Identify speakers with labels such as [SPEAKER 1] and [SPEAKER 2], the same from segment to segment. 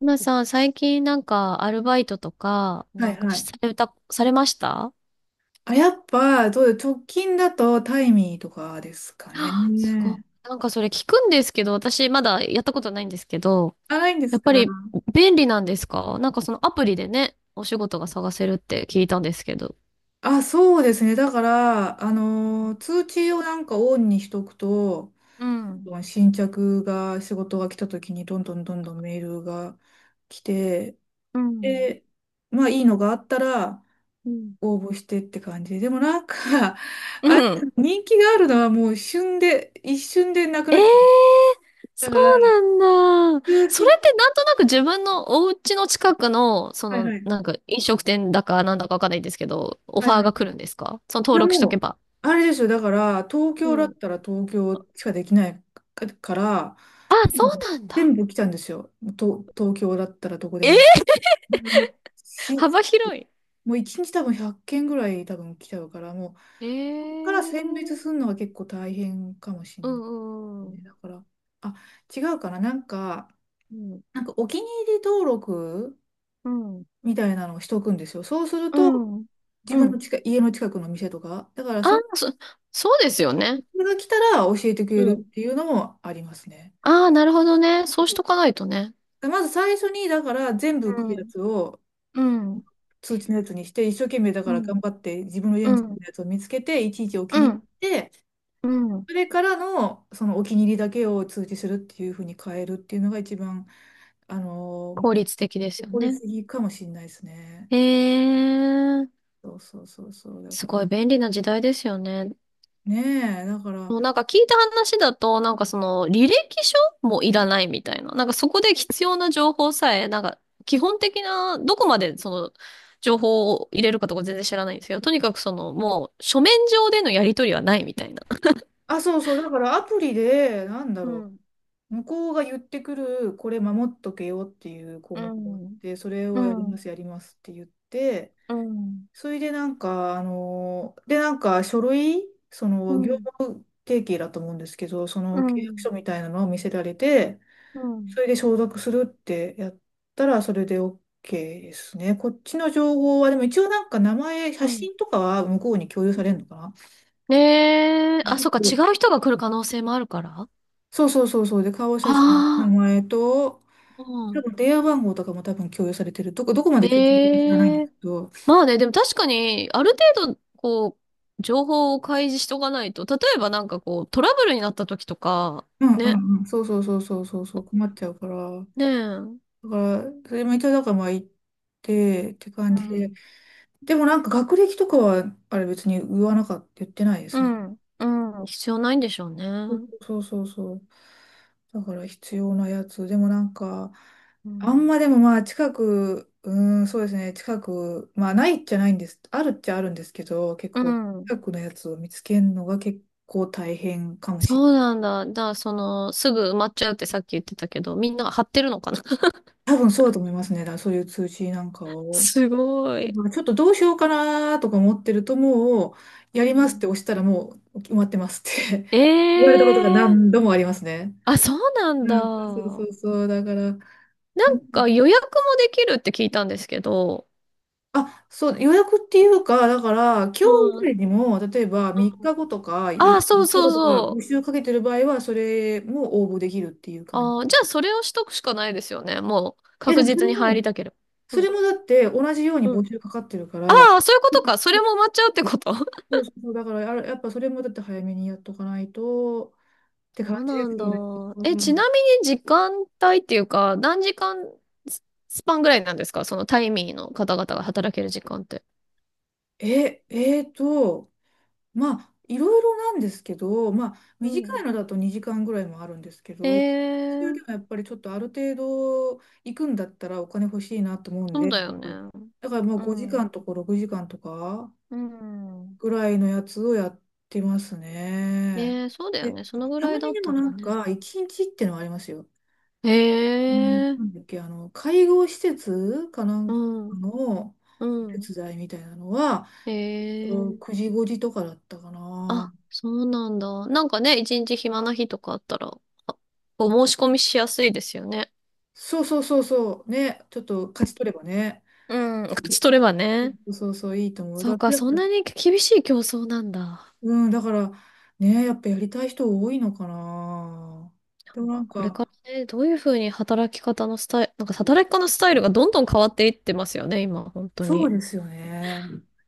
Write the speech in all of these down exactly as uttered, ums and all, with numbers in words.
[SPEAKER 1] 皆さん、最近なんかアルバイトとか、
[SPEAKER 2] は
[SPEAKER 1] な
[SPEAKER 2] い
[SPEAKER 1] んか
[SPEAKER 2] は
[SPEAKER 1] し
[SPEAKER 2] い。
[SPEAKER 1] された、されました。
[SPEAKER 2] あ、やっぱ、どうよ、直近だとタイミーとかですか
[SPEAKER 1] あ、すごい。
[SPEAKER 2] ね。
[SPEAKER 1] なんかそれ聞くんですけど、私まだやったことないんですけど、
[SPEAKER 2] あ、ないんで
[SPEAKER 1] や
[SPEAKER 2] す
[SPEAKER 1] っ
[SPEAKER 2] か。
[SPEAKER 1] ぱり便利なんですか？なんかそのアプリでね、お仕事が探せるって聞いたんですけど。
[SPEAKER 2] あ、そうですね。だから、あのー、通知をなんかオンにしとくと、
[SPEAKER 1] うん。
[SPEAKER 2] 新着が、仕事が来た時にどんどんどんどんメールが来て、
[SPEAKER 1] うん。
[SPEAKER 2] で、まあいいのがあったら
[SPEAKER 1] うん。
[SPEAKER 2] 応募してって感じで。もなんか、
[SPEAKER 1] う
[SPEAKER 2] あれ、
[SPEAKER 1] ん。
[SPEAKER 2] 人気があるのはもう旬で、一瞬でなく
[SPEAKER 1] え
[SPEAKER 2] な
[SPEAKER 1] え
[SPEAKER 2] っちゃう。
[SPEAKER 1] ー、そ
[SPEAKER 2] だから、
[SPEAKER 1] うなんだ。
[SPEAKER 2] 通
[SPEAKER 1] それ
[SPEAKER 2] 知、
[SPEAKER 1] ってなんとなく自分のお家の近くの、そ
[SPEAKER 2] はい
[SPEAKER 1] の、
[SPEAKER 2] はい、
[SPEAKER 1] なんか飲食店だかなんだかわかんないんですけど、オ
[SPEAKER 2] は
[SPEAKER 1] フ
[SPEAKER 2] い
[SPEAKER 1] ァー
[SPEAKER 2] はい。
[SPEAKER 1] が来るんですか？その
[SPEAKER 2] い
[SPEAKER 1] 登
[SPEAKER 2] や
[SPEAKER 1] 録しと
[SPEAKER 2] も
[SPEAKER 1] け
[SPEAKER 2] う、
[SPEAKER 1] ば。
[SPEAKER 2] あれですよ。だから、東
[SPEAKER 1] う
[SPEAKER 2] 京だっ
[SPEAKER 1] ん。
[SPEAKER 2] たら東京しかできないかから、
[SPEAKER 1] あ、そ
[SPEAKER 2] もう
[SPEAKER 1] うなんだ。
[SPEAKER 2] 全部来たんですよ。と、東京だったらどこで
[SPEAKER 1] え
[SPEAKER 2] も。
[SPEAKER 1] ー、
[SPEAKER 2] うんし、
[SPEAKER 1] 幅広い。
[SPEAKER 2] もう一日多分ひゃっけんぐらい多分来ちゃうから、も
[SPEAKER 1] え
[SPEAKER 2] う、そこから
[SPEAKER 1] ー。
[SPEAKER 2] 選別するのは結構大変かもしれ
[SPEAKER 1] う
[SPEAKER 2] な
[SPEAKER 1] ん
[SPEAKER 2] い
[SPEAKER 1] う
[SPEAKER 2] ね。
[SPEAKER 1] ん
[SPEAKER 2] だから、あ、違うかな。なんか、
[SPEAKER 1] うん。
[SPEAKER 2] なんかお気に入り登録
[SPEAKER 1] うん。
[SPEAKER 2] みたいなのをしとくんですよ。そうする
[SPEAKER 1] う
[SPEAKER 2] と、
[SPEAKER 1] ん。うん。
[SPEAKER 2] 自
[SPEAKER 1] う
[SPEAKER 2] 分の
[SPEAKER 1] ん。
[SPEAKER 2] 近い、家の近くの店とか、だから
[SPEAKER 1] あー、
[SPEAKER 2] その
[SPEAKER 1] そ、そうですよ
[SPEAKER 2] そ
[SPEAKER 1] ね。
[SPEAKER 2] れが来たら教えてくれ
[SPEAKER 1] う
[SPEAKER 2] る
[SPEAKER 1] ん。
[SPEAKER 2] っていうのもありますね。
[SPEAKER 1] ああ、なるほどね。そうしとかないとね。
[SPEAKER 2] まず最初に、だから全部
[SPEAKER 1] う
[SPEAKER 2] 来るや
[SPEAKER 1] ん。
[SPEAKER 2] つを
[SPEAKER 1] うん。
[SPEAKER 2] 通知のやつにして、一生懸命だか
[SPEAKER 1] う
[SPEAKER 2] ら
[SPEAKER 1] ん。
[SPEAKER 2] 頑張って自分の家
[SPEAKER 1] う
[SPEAKER 2] について
[SPEAKER 1] ん。
[SPEAKER 2] るやつを見つけて、いちいちお気
[SPEAKER 1] う
[SPEAKER 2] に入
[SPEAKER 1] ん。
[SPEAKER 2] りして、
[SPEAKER 1] うん。
[SPEAKER 2] それからのそのお気に入りだけを通知するっていうふうに変えるっていうのが一番、あの
[SPEAKER 1] 効率的です
[SPEAKER 2] ー、
[SPEAKER 1] よ
[SPEAKER 2] 効率
[SPEAKER 1] ね。
[SPEAKER 2] 的かもしれないですね。
[SPEAKER 1] へえ、
[SPEAKER 2] そうそうそうそう。だ
[SPEAKER 1] す
[SPEAKER 2] から、
[SPEAKER 1] ごい便利な時代ですよね。
[SPEAKER 2] ねえ、だから、
[SPEAKER 1] もうなんか聞いた話だと、なんかその履歴書もいらないみたいな。なんかそこで必要な情報さえ、なんか基本的な、どこまでその情報を入れるかとか全然知らないんですけど、とにかくそのもう書面上でのやり取りはないみたいな。
[SPEAKER 2] あ、そうそう、だからアプリで、なんだ
[SPEAKER 1] う
[SPEAKER 2] ろ
[SPEAKER 1] ん、
[SPEAKER 2] う。向こうが言ってくる、これ守っとけよっていう項
[SPEAKER 1] う
[SPEAKER 2] 目があっ
[SPEAKER 1] ん、
[SPEAKER 2] て、それ
[SPEAKER 1] う
[SPEAKER 2] をやり
[SPEAKER 1] ん、うん、
[SPEAKER 2] ます、やりますって言って、
[SPEAKER 1] うん、
[SPEAKER 2] それでなんか、あの、で、なんか書類、そ
[SPEAKER 1] う
[SPEAKER 2] の業
[SPEAKER 1] ん、
[SPEAKER 2] 務提携だと思うんですけど、その契約書みたいなのを見せられて、
[SPEAKER 1] うん、
[SPEAKER 2] それで承諾するってやったら、それで OK ですね。こっちの情報は、でも一応なんか名前、写
[SPEAKER 1] うん。
[SPEAKER 2] 真とかは向こうに共有されるのかな。
[SPEAKER 1] ねえ、あ、そっか、
[SPEAKER 2] う
[SPEAKER 1] 違
[SPEAKER 2] ん、
[SPEAKER 1] う人が来る可能性もあるから。あ
[SPEAKER 2] そうそうそうそう。で、顔写真、名
[SPEAKER 1] あ、
[SPEAKER 2] 前と、
[SPEAKER 1] う
[SPEAKER 2] 多
[SPEAKER 1] ん。
[SPEAKER 2] 分電話番号とかも多分共有されてる。どこ、どこまで共有されてるか知らないんで
[SPEAKER 1] え
[SPEAKER 2] す
[SPEAKER 1] え、
[SPEAKER 2] けど、
[SPEAKER 1] まあね、でも確かに、ある程度、こう、情報を開示しとかないと、例えばなんかこう、トラブルになった時とか、
[SPEAKER 2] うんう
[SPEAKER 1] ね、
[SPEAKER 2] んうん、そうそうそうそうそうそう、困っちゃうから。
[SPEAKER 1] ね
[SPEAKER 2] だ
[SPEAKER 1] え、うん、
[SPEAKER 2] から、それも一応だからまあ言ってって感じで。でもなんか学歴とかは、あれ別に言わなかった、言ってないで
[SPEAKER 1] う
[SPEAKER 2] すね。
[SPEAKER 1] ん、うん、必要ないんでしょうね。
[SPEAKER 2] そうそうそう。だから必要なやつ。でもなんか、
[SPEAKER 1] う
[SPEAKER 2] あん
[SPEAKER 1] ん、
[SPEAKER 2] までもまあ近く、うーん、そうですね、近く、まあないっちゃないんです。あるっちゃあるんですけど、結
[SPEAKER 1] う
[SPEAKER 2] 構
[SPEAKER 1] ん。
[SPEAKER 2] 近くのやつを見つけるのが結構大変かもしれな
[SPEAKER 1] そうなんだ。だから、その、すぐ埋まっちゃうってさっき言ってたけど、みんな貼ってるのかな？
[SPEAKER 2] い。多分そうだと思いますね。だからそういう通知なんか を。
[SPEAKER 1] すご
[SPEAKER 2] だ
[SPEAKER 1] い。
[SPEAKER 2] からちょっとどうしようかなとか思ってるともう、やり
[SPEAKER 1] う
[SPEAKER 2] ますっ
[SPEAKER 1] ん。
[SPEAKER 2] て押したらもう決まってますって
[SPEAKER 1] え
[SPEAKER 2] 言われたことが
[SPEAKER 1] えー。
[SPEAKER 2] 何度もありますね。
[SPEAKER 1] あ、そうなん
[SPEAKER 2] うん、そうそ
[SPEAKER 1] だ。
[SPEAKER 2] うそう。だから、
[SPEAKER 1] なんか予約もできるって聞いたんですけど、
[SPEAKER 2] あ、そう、予約っていうか、だから、今日以
[SPEAKER 1] う
[SPEAKER 2] 外
[SPEAKER 1] ん。
[SPEAKER 2] にも、例えばみっかごとか、
[SPEAKER 1] あ、
[SPEAKER 2] ゆ
[SPEAKER 1] そう
[SPEAKER 2] 3日
[SPEAKER 1] そう
[SPEAKER 2] 後とか、募
[SPEAKER 1] そう。
[SPEAKER 2] 集かけてる場合は、それも応募できるっていう感じ。
[SPEAKER 1] ああ、じゃあそれをしとくしかないですよね。もう
[SPEAKER 2] いや、
[SPEAKER 1] 確
[SPEAKER 2] でもそ
[SPEAKER 1] 実
[SPEAKER 2] れ
[SPEAKER 1] に入
[SPEAKER 2] も、
[SPEAKER 1] りたければ。
[SPEAKER 2] そ
[SPEAKER 1] う
[SPEAKER 2] れ
[SPEAKER 1] ん。
[SPEAKER 2] もだって、同じように
[SPEAKER 1] う
[SPEAKER 2] 募
[SPEAKER 1] ん。
[SPEAKER 2] 集かかってるか
[SPEAKER 1] あ
[SPEAKER 2] ら、
[SPEAKER 1] あ、そういうことか。それも埋まっちゃうってこと？
[SPEAKER 2] そうそうそう、だからや、あれやっぱそれもだって早めにやっとかないと、って
[SPEAKER 1] そ
[SPEAKER 2] 感
[SPEAKER 1] う
[SPEAKER 2] じで
[SPEAKER 1] なん
[SPEAKER 2] す
[SPEAKER 1] だ。
[SPEAKER 2] よね。
[SPEAKER 1] え、
[SPEAKER 2] う
[SPEAKER 1] ちな
[SPEAKER 2] ん
[SPEAKER 1] みに時間帯っていうか、何時間ススパンぐらいなんですか？そのタイミーの方々が働ける時間って。
[SPEAKER 2] え、えーと、まあ、いろいろなんですけど、まあ、
[SPEAKER 1] う
[SPEAKER 2] 短い
[SPEAKER 1] ん。
[SPEAKER 2] のだとにじかんぐらいもあるんですけど、中
[SPEAKER 1] え
[SPEAKER 2] でもや
[SPEAKER 1] え、
[SPEAKER 2] っぱりちょっとある程度行くんだったらお金欲しいなと思うん
[SPEAKER 1] そう
[SPEAKER 2] で、
[SPEAKER 1] だよね。
[SPEAKER 2] だからもう
[SPEAKER 1] う
[SPEAKER 2] ごじかん
[SPEAKER 1] ん。
[SPEAKER 2] とかろくじかんとか
[SPEAKER 1] うん。
[SPEAKER 2] ぐらいのやつをやってますね。
[SPEAKER 1] ええ、そうだよ
[SPEAKER 2] で、
[SPEAKER 1] ね。そのぐ
[SPEAKER 2] た
[SPEAKER 1] らい
[SPEAKER 2] ま
[SPEAKER 1] だ
[SPEAKER 2] に
[SPEAKER 1] っ
[SPEAKER 2] でも
[SPEAKER 1] た
[SPEAKER 2] な
[SPEAKER 1] ら
[SPEAKER 2] ん
[SPEAKER 1] ね。
[SPEAKER 2] かいちにちってのはありますよ。
[SPEAKER 1] え
[SPEAKER 2] あの
[SPEAKER 1] え、
[SPEAKER 2] なんだっけ、あの、介護施設かなん
[SPEAKER 1] う
[SPEAKER 2] か
[SPEAKER 1] ん。
[SPEAKER 2] の
[SPEAKER 1] うん。
[SPEAKER 2] 手伝いみたいなのは、こ
[SPEAKER 1] え
[SPEAKER 2] う
[SPEAKER 1] え、
[SPEAKER 2] くじごじとかだったかな。
[SPEAKER 1] あ、そうなんだ。なんかね、一日暇な日とかあったら、あ、お申し込みしやすいですよね。
[SPEAKER 2] そうそうそうそう。ね。ちょっと勝ち取ればね。
[SPEAKER 1] うん、勝ち取ればね。
[SPEAKER 2] そうそうそう、いいと思う。
[SPEAKER 1] そ
[SPEAKER 2] だ
[SPEAKER 1] う
[SPEAKER 2] か
[SPEAKER 1] か、
[SPEAKER 2] ら、
[SPEAKER 1] そんなに厳しい競争なんだ。
[SPEAKER 2] うん、だから、ね、やっぱやりたい人多いのかな。でも
[SPEAKER 1] なん
[SPEAKER 2] な
[SPEAKER 1] か
[SPEAKER 2] ん
[SPEAKER 1] これ
[SPEAKER 2] か、
[SPEAKER 1] からね、どういうふうに働き方のスタイル、なんか働き方のスタイルがどんどん変わっていってますよね、今、本当
[SPEAKER 2] そう
[SPEAKER 1] に。
[SPEAKER 2] ですよね。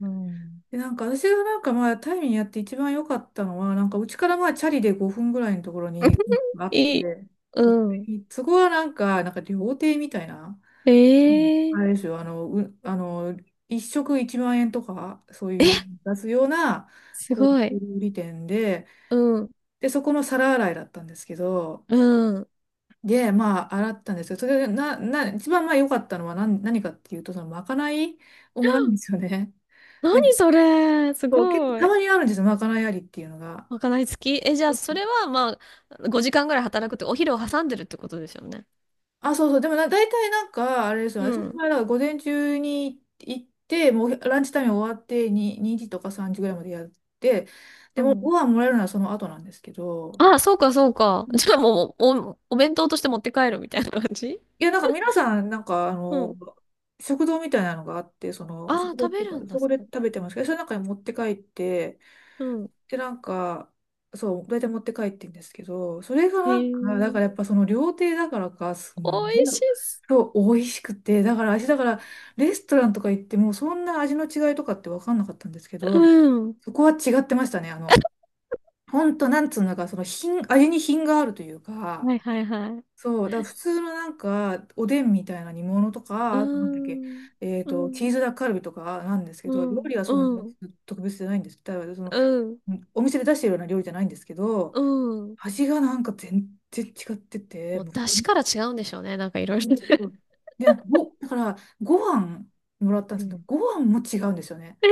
[SPEAKER 1] うん。
[SPEAKER 2] で、なんか私がなんかまあ、タイミングやって一番良かったのは、なんかうちからまあ、チャリでごふんぐらいのところにあっ
[SPEAKER 1] いい。
[SPEAKER 2] て、そこ
[SPEAKER 1] うん。
[SPEAKER 2] にそこはなんか、なんか料亭みたいな、うんあ
[SPEAKER 1] え
[SPEAKER 2] れで
[SPEAKER 1] え、
[SPEAKER 2] すよ、あの、う、あの、一食いちまんえんとか、そういう出すような、
[SPEAKER 1] す
[SPEAKER 2] 高級
[SPEAKER 1] ごい。
[SPEAKER 2] 料理店で、
[SPEAKER 1] うん。
[SPEAKER 2] で、そこの皿洗いだったんですけど、
[SPEAKER 1] うん。
[SPEAKER 2] で、まあ、洗ったんですよ。それで、な、な、一番まあ良かったのは何、何かっていうと、その、まかないをもらうんです よね。
[SPEAKER 1] 何
[SPEAKER 2] で、
[SPEAKER 1] それ、す
[SPEAKER 2] そう、結構、
[SPEAKER 1] ご
[SPEAKER 2] た
[SPEAKER 1] い。
[SPEAKER 2] まにあるんですよ、まかないありっていうのが。
[SPEAKER 1] まかない付き？え、じゃあ、それは、まあ、ごじかんぐらい働くって、お昼を挟んでるってことですよね。
[SPEAKER 2] あ、そうそう。でもな、大体なんか、あれですよ。
[SPEAKER 1] う
[SPEAKER 2] 私の
[SPEAKER 1] ん。
[SPEAKER 2] 場合は午前中に行って、もうランチタイム終わってに、にじとかさんじぐらいまでやって、で
[SPEAKER 1] う
[SPEAKER 2] もご
[SPEAKER 1] ん。
[SPEAKER 2] 飯もらえるのはその後なんですけど、
[SPEAKER 1] ああ、そうか、そうか。じゃあもう、お、お弁当として持って帰るみたいな感じ？
[SPEAKER 2] いや、なんか皆さん、なんかあ
[SPEAKER 1] う
[SPEAKER 2] の、
[SPEAKER 1] ん。
[SPEAKER 2] 食堂みたいなのがあって、その、
[SPEAKER 1] ああ、
[SPEAKER 2] 食堂っ
[SPEAKER 1] 食
[SPEAKER 2] て
[SPEAKER 1] べ
[SPEAKER 2] いうか、
[SPEAKER 1] るんだ、
[SPEAKER 2] そこ
[SPEAKER 1] そ
[SPEAKER 2] で
[SPEAKER 1] こで。
[SPEAKER 2] 食べてますけど、その中に持って帰って、
[SPEAKER 1] うん。
[SPEAKER 2] で、なんか、そう、大体持って帰ってんですけど、それが
[SPEAKER 1] へ
[SPEAKER 2] なんか、だか
[SPEAKER 1] え、
[SPEAKER 2] らやっぱその料亭だからか、すん
[SPEAKER 1] 美
[SPEAKER 2] ごい、
[SPEAKER 1] 味しいっす。
[SPEAKER 2] そう、美味しくて、だから私、だから、レストランとか行っても、そんな味の違いとかって分かんなかったんですけ
[SPEAKER 1] う
[SPEAKER 2] ど、
[SPEAKER 1] ん。
[SPEAKER 2] そこは違ってましたね。あの、ほんと、なんつうのか、その品、味に品があるというか、
[SPEAKER 1] はいはいはい。
[SPEAKER 2] そう、だから普通のなんか、おでんみたいな煮物と
[SPEAKER 1] う
[SPEAKER 2] か、
[SPEAKER 1] ー
[SPEAKER 2] あとなんだっけ、
[SPEAKER 1] ん。
[SPEAKER 2] えっ
[SPEAKER 1] う
[SPEAKER 2] と、
[SPEAKER 1] ん。
[SPEAKER 2] チーズダッカルビとかなんですけ
[SPEAKER 1] う
[SPEAKER 2] ど、料
[SPEAKER 1] ん。
[SPEAKER 2] 理はそんな
[SPEAKER 1] うん。
[SPEAKER 2] 特別じゃないんです。だからその、
[SPEAKER 1] うん。
[SPEAKER 2] お店で出してるような料理じゃないんですけど、
[SPEAKER 1] うん。
[SPEAKER 2] 味がなんか全然違ってて、
[SPEAKER 1] もう、
[SPEAKER 2] もうそ
[SPEAKER 1] 出
[SPEAKER 2] れ
[SPEAKER 1] 汁
[SPEAKER 2] も
[SPEAKER 1] から違うんでしょうね。なんかいろいろね。
[SPEAKER 2] うんで、ご、だから、ご飯もらったん
[SPEAKER 1] う
[SPEAKER 2] ですけど、
[SPEAKER 1] ん。
[SPEAKER 2] ご飯も違うんですよね。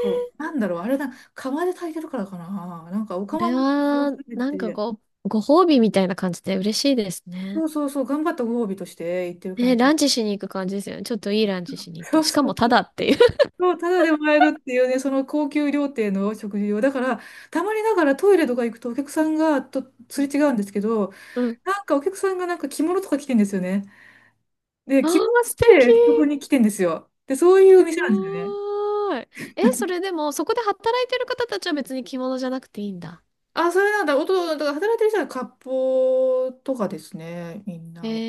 [SPEAKER 2] そう
[SPEAKER 1] ええ、
[SPEAKER 2] なんだろう、あれだ、釜で炊いてるからかな。なんか、お
[SPEAKER 1] こ
[SPEAKER 2] 釜
[SPEAKER 1] れ
[SPEAKER 2] もなん
[SPEAKER 1] は、
[SPEAKER 2] か、て
[SPEAKER 1] なんか
[SPEAKER 2] て、
[SPEAKER 1] ご、ご褒美みたいな感じで嬉しいです
[SPEAKER 2] そ
[SPEAKER 1] ね。
[SPEAKER 2] うそうそう、頑張ったご褒美として言ってる感
[SPEAKER 1] ね、
[SPEAKER 2] じ。
[SPEAKER 1] ランチしに行く感じですよね。ちょっといいランチしに行っ
[SPEAKER 2] そ
[SPEAKER 1] て。
[SPEAKER 2] う
[SPEAKER 1] しか
[SPEAKER 2] そう
[SPEAKER 1] もタ
[SPEAKER 2] そう。
[SPEAKER 1] ダっていう。
[SPEAKER 2] そう、ただでもらえるっていうね、その高級料亭の食事を。だから、たまにながらトイレとか行くとお客さんがとすれ違 うんですけど、
[SPEAKER 1] うん。
[SPEAKER 2] なんかお客さんがなんか着物とか着てんですよね。で、
[SPEAKER 1] あ
[SPEAKER 2] 着物
[SPEAKER 1] あ、
[SPEAKER 2] 着
[SPEAKER 1] 素敵。
[SPEAKER 2] てそこに来てんですよ。で、そういうお
[SPEAKER 1] す
[SPEAKER 2] 店なんですよね。
[SPEAKER 1] ごーい。え、それでも、そこで働いてる方たちは別に着物じゃなくていいんだ。
[SPEAKER 2] あ、それなんだ。おと、だから働いてる人は割烹とかですね、みん
[SPEAKER 1] え
[SPEAKER 2] なは。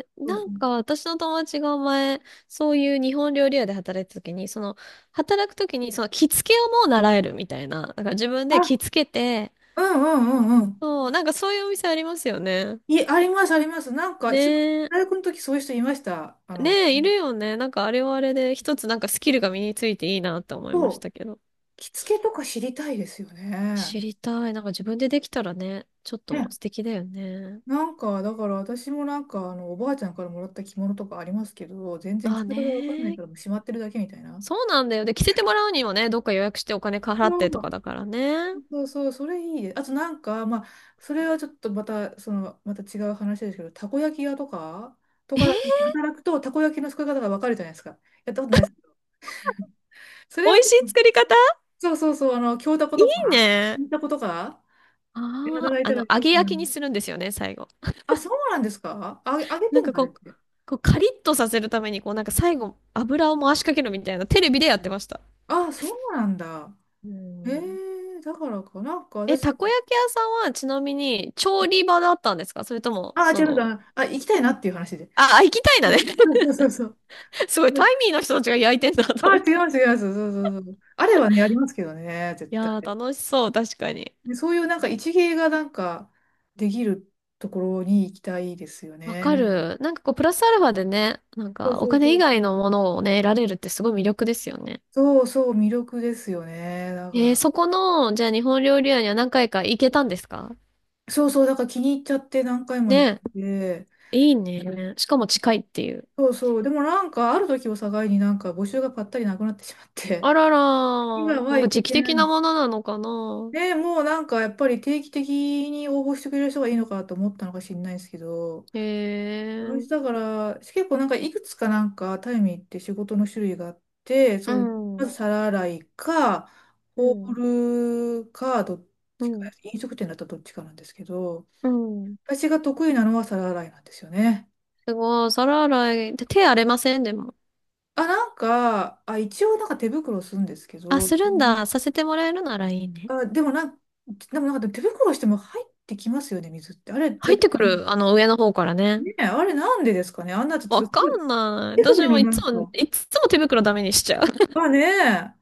[SPEAKER 1] ー、
[SPEAKER 2] そう
[SPEAKER 1] な
[SPEAKER 2] そ
[SPEAKER 1] ん
[SPEAKER 2] う。
[SPEAKER 1] か私の友達が前、そういう日本料理屋で働いた時に、その、働く時に、その着付けをもう習えるみたいな。だから自分で着
[SPEAKER 2] あ、
[SPEAKER 1] 付けて、
[SPEAKER 2] うんうんうんうん。
[SPEAKER 1] そう、なんかそういうお店ありますよね。
[SPEAKER 2] い、あります、あります。なんか、す
[SPEAKER 1] ねえ。
[SPEAKER 2] 大学の時そういう人いました。あ
[SPEAKER 1] ね
[SPEAKER 2] の、
[SPEAKER 1] え、いるよね。なんかあれはあれで、一つなんかスキルが身についていいなって思いましたけど。
[SPEAKER 2] 着付けとか知りたいですよね。
[SPEAKER 1] 知りたい。なんか自分でできたらね、ちょっと素
[SPEAKER 2] ね、
[SPEAKER 1] 敵だよね。
[SPEAKER 2] なんか、だから私もなんか、あの、おばあちゃんからもらった着物とかありますけど、全然
[SPEAKER 1] あ
[SPEAKER 2] 着
[SPEAKER 1] あ
[SPEAKER 2] 方がわかんない
[SPEAKER 1] ね。
[SPEAKER 2] からもうしまってるだけみたいな。
[SPEAKER 1] そうなんだよ。で、着せてもらうにもね、どっか予約してお金払ってとかだからね。
[SPEAKER 2] そうそうそう、それいいです。あとなんか、まあ、それはちょっとまた、その、また違う話ですけど、たこ焼き屋とか、と
[SPEAKER 1] え
[SPEAKER 2] かで
[SPEAKER 1] ー、
[SPEAKER 2] 働くと、たこ焼きの作り方がわかるじゃないですか。やったことないですけど。それ
[SPEAKER 1] 美
[SPEAKER 2] は
[SPEAKER 1] 味し
[SPEAKER 2] 結
[SPEAKER 1] い
[SPEAKER 2] 構、
[SPEAKER 1] 作り方。
[SPEAKER 2] そうそうそう、あの、京たこ
[SPEAKER 1] いい
[SPEAKER 2] とか、
[SPEAKER 1] ね。
[SPEAKER 2] 銀たことか、で
[SPEAKER 1] ああ、
[SPEAKER 2] 働い
[SPEAKER 1] あ
[SPEAKER 2] たら
[SPEAKER 1] の、
[SPEAKER 2] い
[SPEAKER 1] 揚
[SPEAKER 2] い
[SPEAKER 1] げ
[SPEAKER 2] かな。
[SPEAKER 1] 焼きにするんですよね、最後。
[SPEAKER 2] あ、そうなんですかあ、あげて
[SPEAKER 1] なん
[SPEAKER 2] ん
[SPEAKER 1] か
[SPEAKER 2] のあれっ
[SPEAKER 1] こう、
[SPEAKER 2] て。
[SPEAKER 1] こうカリッとさせるために、こうなんか最後、油を回しかけるみたいな、テレビでやってました。
[SPEAKER 2] あ、そうなんだ。
[SPEAKER 1] う
[SPEAKER 2] へ
[SPEAKER 1] ん。
[SPEAKER 2] え、だからか、なんか
[SPEAKER 1] え、
[SPEAKER 2] 私、
[SPEAKER 1] たこ焼き屋さんはちなみに調理場だったんですか？それとも、
[SPEAKER 2] ああ、
[SPEAKER 1] そ
[SPEAKER 2] 違う
[SPEAKER 1] の、
[SPEAKER 2] か。あ、行きたいなっていう話で。
[SPEAKER 1] あ、あ行きたいなね。
[SPEAKER 2] そうそう そうそう。
[SPEAKER 1] すごい、タイミーの人たちが焼いてんだ
[SPEAKER 2] あ
[SPEAKER 1] と
[SPEAKER 2] あ、
[SPEAKER 1] 思っ
[SPEAKER 2] 違
[SPEAKER 1] て。
[SPEAKER 2] います、違います。そうそうそう。あれはね、ありますけどね、絶
[SPEAKER 1] い
[SPEAKER 2] 対。
[SPEAKER 1] やー、楽しそう、確かに。
[SPEAKER 2] で、そういうなんか一芸がなんかできるところに行きたいですよ
[SPEAKER 1] わ
[SPEAKER 2] ね。
[SPEAKER 1] かる。なんかこう、プラスアルファでね、なん
[SPEAKER 2] そう
[SPEAKER 1] かお
[SPEAKER 2] そう
[SPEAKER 1] 金
[SPEAKER 2] そ
[SPEAKER 1] 以
[SPEAKER 2] うそ
[SPEAKER 1] 外
[SPEAKER 2] う。
[SPEAKER 1] のものをね、得られるってすごい魅力ですよね。
[SPEAKER 2] そうそう、魅力ですよね。だか
[SPEAKER 1] えー、
[SPEAKER 2] ら。
[SPEAKER 1] そこの、じゃあ日本料理屋には何回か行けたんですか？
[SPEAKER 2] そうそう、だから気に入っちゃって何回も行っ
[SPEAKER 1] ね、
[SPEAKER 2] て。
[SPEAKER 1] いいね。しかも近いっていう。
[SPEAKER 2] そうそう。でもなんかある時を境になんか募集がぱったりなくなってしまって。
[SPEAKER 1] あらら
[SPEAKER 2] 今
[SPEAKER 1] ー、な
[SPEAKER 2] は
[SPEAKER 1] んか
[SPEAKER 2] 行け
[SPEAKER 1] 時期
[SPEAKER 2] てな
[SPEAKER 1] 的な
[SPEAKER 2] い。
[SPEAKER 1] ものなのかな？
[SPEAKER 2] ね、もうなんかやっぱり定期的に応募してくれる人がいいのかなと思ったのか知んないですけど、
[SPEAKER 1] へ
[SPEAKER 2] 私だ
[SPEAKER 1] え。
[SPEAKER 2] から結構なんかいくつかなんかタイミーって仕事の種類があって、
[SPEAKER 1] う
[SPEAKER 2] その、まず
[SPEAKER 1] ん。
[SPEAKER 2] 皿洗いか、
[SPEAKER 1] う
[SPEAKER 2] ホ
[SPEAKER 1] ん。
[SPEAKER 2] ールか、どっ
[SPEAKER 1] う
[SPEAKER 2] ちか、
[SPEAKER 1] ん
[SPEAKER 2] 飲食店だったらどっちかなんですけど、
[SPEAKER 1] うん。
[SPEAKER 2] 私が得意なのは皿洗いなんですよね。
[SPEAKER 1] すごい、皿洗い。で手荒れませんでも。
[SPEAKER 2] あ、なんか、あ、一応なんか手袋するんですけ
[SPEAKER 1] あ、
[SPEAKER 2] ど、
[SPEAKER 1] するんだ。させてもらえるならいいね。
[SPEAKER 2] あ、でもなん、でもなんか手袋しても入ってきますよね、水って。あれ、や
[SPEAKER 1] 入
[SPEAKER 2] っ
[SPEAKER 1] っ
[SPEAKER 2] た
[SPEAKER 1] てくる、あの、上の方からね。
[SPEAKER 2] ねえ、あれなんでですかね、あんなちょっと
[SPEAKER 1] わ
[SPEAKER 2] す
[SPEAKER 1] か
[SPEAKER 2] ごい
[SPEAKER 1] んない。
[SPEAKER 2] 手
[SPEAKER 1] 私
[SPEAKER 2] 首
[SPEAKER 1] も
[SPEAKER 2] の
[SPEAKER 1] い
[SPEAKER 2] な
[SPEAKER 1] つ
[SPEAKER 2] ん
[SPEAKER 1] も、
[SPEAKER 2] か、
[SPEAKER 1] いつも手袋ダメにしちゃう。
[SPEAKER 2] がねえ、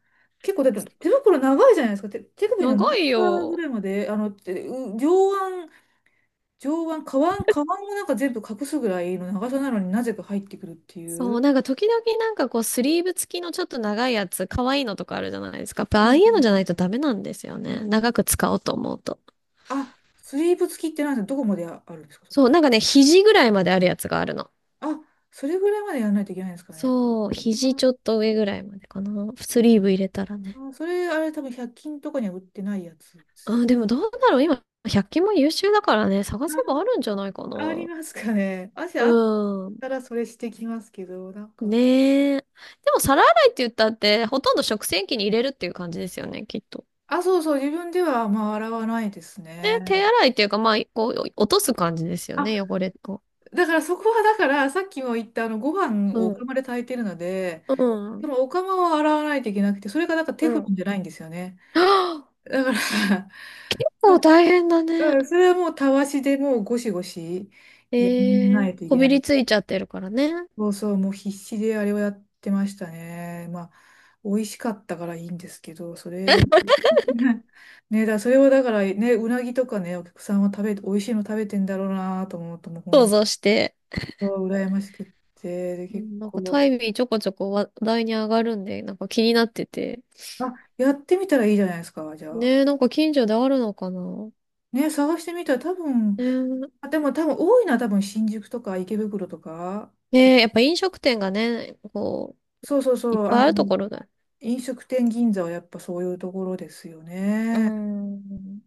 [SPEAKER 2] 結構だって手袋長いじゃないですか。手、手首の真ん
[SPEAKER 1] 長い
[SPEAKER 2] 中ぐ
[SPEAKER 1] よ。
[SPEAKER 2] らいまで、あの、てう上腕、上腕、下腕、下腕もなんか全部隠すぐらいの長さなのになぜか入ってくるってい
[SPEAKER 1] そ
[SPEAKER 2] う。
[SPEAKER 1] う、なんか時々なんかこう、スリーブ付きのちょっと長いやつ、可愛いのとかあるじゃないですか。やっぱあ
[SPEAKER 2] う
[SPEAKER 1] あいうの
[SPEAKER 2] ん、
[SPEAKER 1] じゃないとダメなんですよね。長く使おうと思うと。
[SPEAKER 2] あ、スリーブ付きってなんですか、どこまであるんですかそれ。
[SPEAKER 1] そう、なんかね、肘ぐらいまであるやつがあるの。
[SPEAKER 2] あ、それぐらいまでやらないといけないんですかね。
[SPEAKER 1] そう、肘ちょっと上ぐらいまでかな。スリーブ入れたら
[SPEAKER 2] あ
[SPEAKER 1] ね。
[SPEAKER 2] ー、それ、あれ多分ひゃっ均とかには売ってないやつです
[SPEAKER 1] あ、でもどうだろう。今、百均も優秀だからね、探
[SPEAKER 2] よ。
[SPEAKER 1] せばあるんじゃないか
[SPEAKER 2] あー、あり
[SPEAKER 1] な。
[SPEAKER 2] ますかね。あ、あ
[SPEAKER 1] うん。
[SPEAKER 2] からそれしてきますけど、なんか、
[SPEAKER 1] ねえ。でも皿洗いって言ったって、ほとんど食洗機に入れるっていう感じですよね、きっと。
[SPEAKER 2] あ、そうそう、自分ではまあ洗わないです
[SPEAKER 1] ね、手
[SPEAKER 2] ね。
[SPEAKER 1] 洗いっていうか、まあ、こう、落とす感じですよ
[SPEAKER 2] あ、
[SPEAKER 1] ね、汚れを。
[SPEAKER 2] だからそこはだから、さっきも言ったあの、ご飯
[SPEAKER 1] う
[SPEAKER 2] をお
[SPEAKER 1] ん。
[SPEAKER 2] 釜で炊いてるので、
[SPEAKER 1] う
[SPEAKER 2] で
[SPEAKER 1] ん。
[SPEAKER 2] もお釜は洗わないといけなくて、それがなんかテ
[SPEAKER 1] うん。
[SPEAKER 2] フロ
[SPEAKER 1] は
[SPEAKER 2] ンじゃないんですよね。
[SPEAKER 1] あ、
[SPEAKER 2] だから
[SPEAKER 1] 結
[SPEAKER 2] う
[SPEAKER 1] 構
[SPEAKER 2] ん、
[SPEAKER 1] 大変だね。
[SPEAKER 2] それはもうたわしでもうゴシゴシやら
[SPEAKER 1] え
[SPEAKER 2] な
[SPEAKER 1] え、
[SPEAKER 2] いとい
[SPEAKER 1] こ
[SPEAKER 2] けな
[SPEAKER 1] びり
[SPEAKER 2] い。
[SPEAKER 1] ついちゃってるからね。
[SPEAKER 2] そうそう、もう必死であれをやってましたね。まあ、美味しかったからいいんですけど、それ、ね、だ、それをだからね、うなぎとかね、お客さんは食べて、美味しいの食べてんだろうなと思うと、もう
[SPEAKER 1] 想
[SPEAKER 2] 本
[SPEAKER 1] 像して。
[SPEAKER 2] 当羨ましくって、で、
[SPEAKER 1] う
[SPEAKER 2] 結
[SPEAKER 1] ん、なんかタ
[SPEAKER 2] 構、
[SPEAKER 1] イミーちょこちょこ話題に上がるんで、なんか気になってて、
[SPEAKER 2] あ、やってみたらいいじゃないですか、じゃあ。
[SPEAKER 1] ねえ、なんか近所であるのかな。
[SPEAKER 2] ね、探してみたら多分、
[SPEAKER 1] ねえ、
[SPEAKER 2] あ、でも多分多いのは多分新宿とか池袋とか、そ、
[SPEAKER 1] ねえ、やっぱ飲食店がね、こう、
[SPEAKER 2] そうそうそ
[SPEAKER 1] いっ
[SPEAKER 2] う、あ
[SPEAKER 1] ぱいあるとこ
[SPEAKER 2] の、
[SPEAKER 1] ろだ。
[SPEAKER 2] 飲食店銀座はやっぱそういうところですよ
[SPEAKER 1] うー
[SPEAKER 2] ね。
[SPEAKER 1] ん。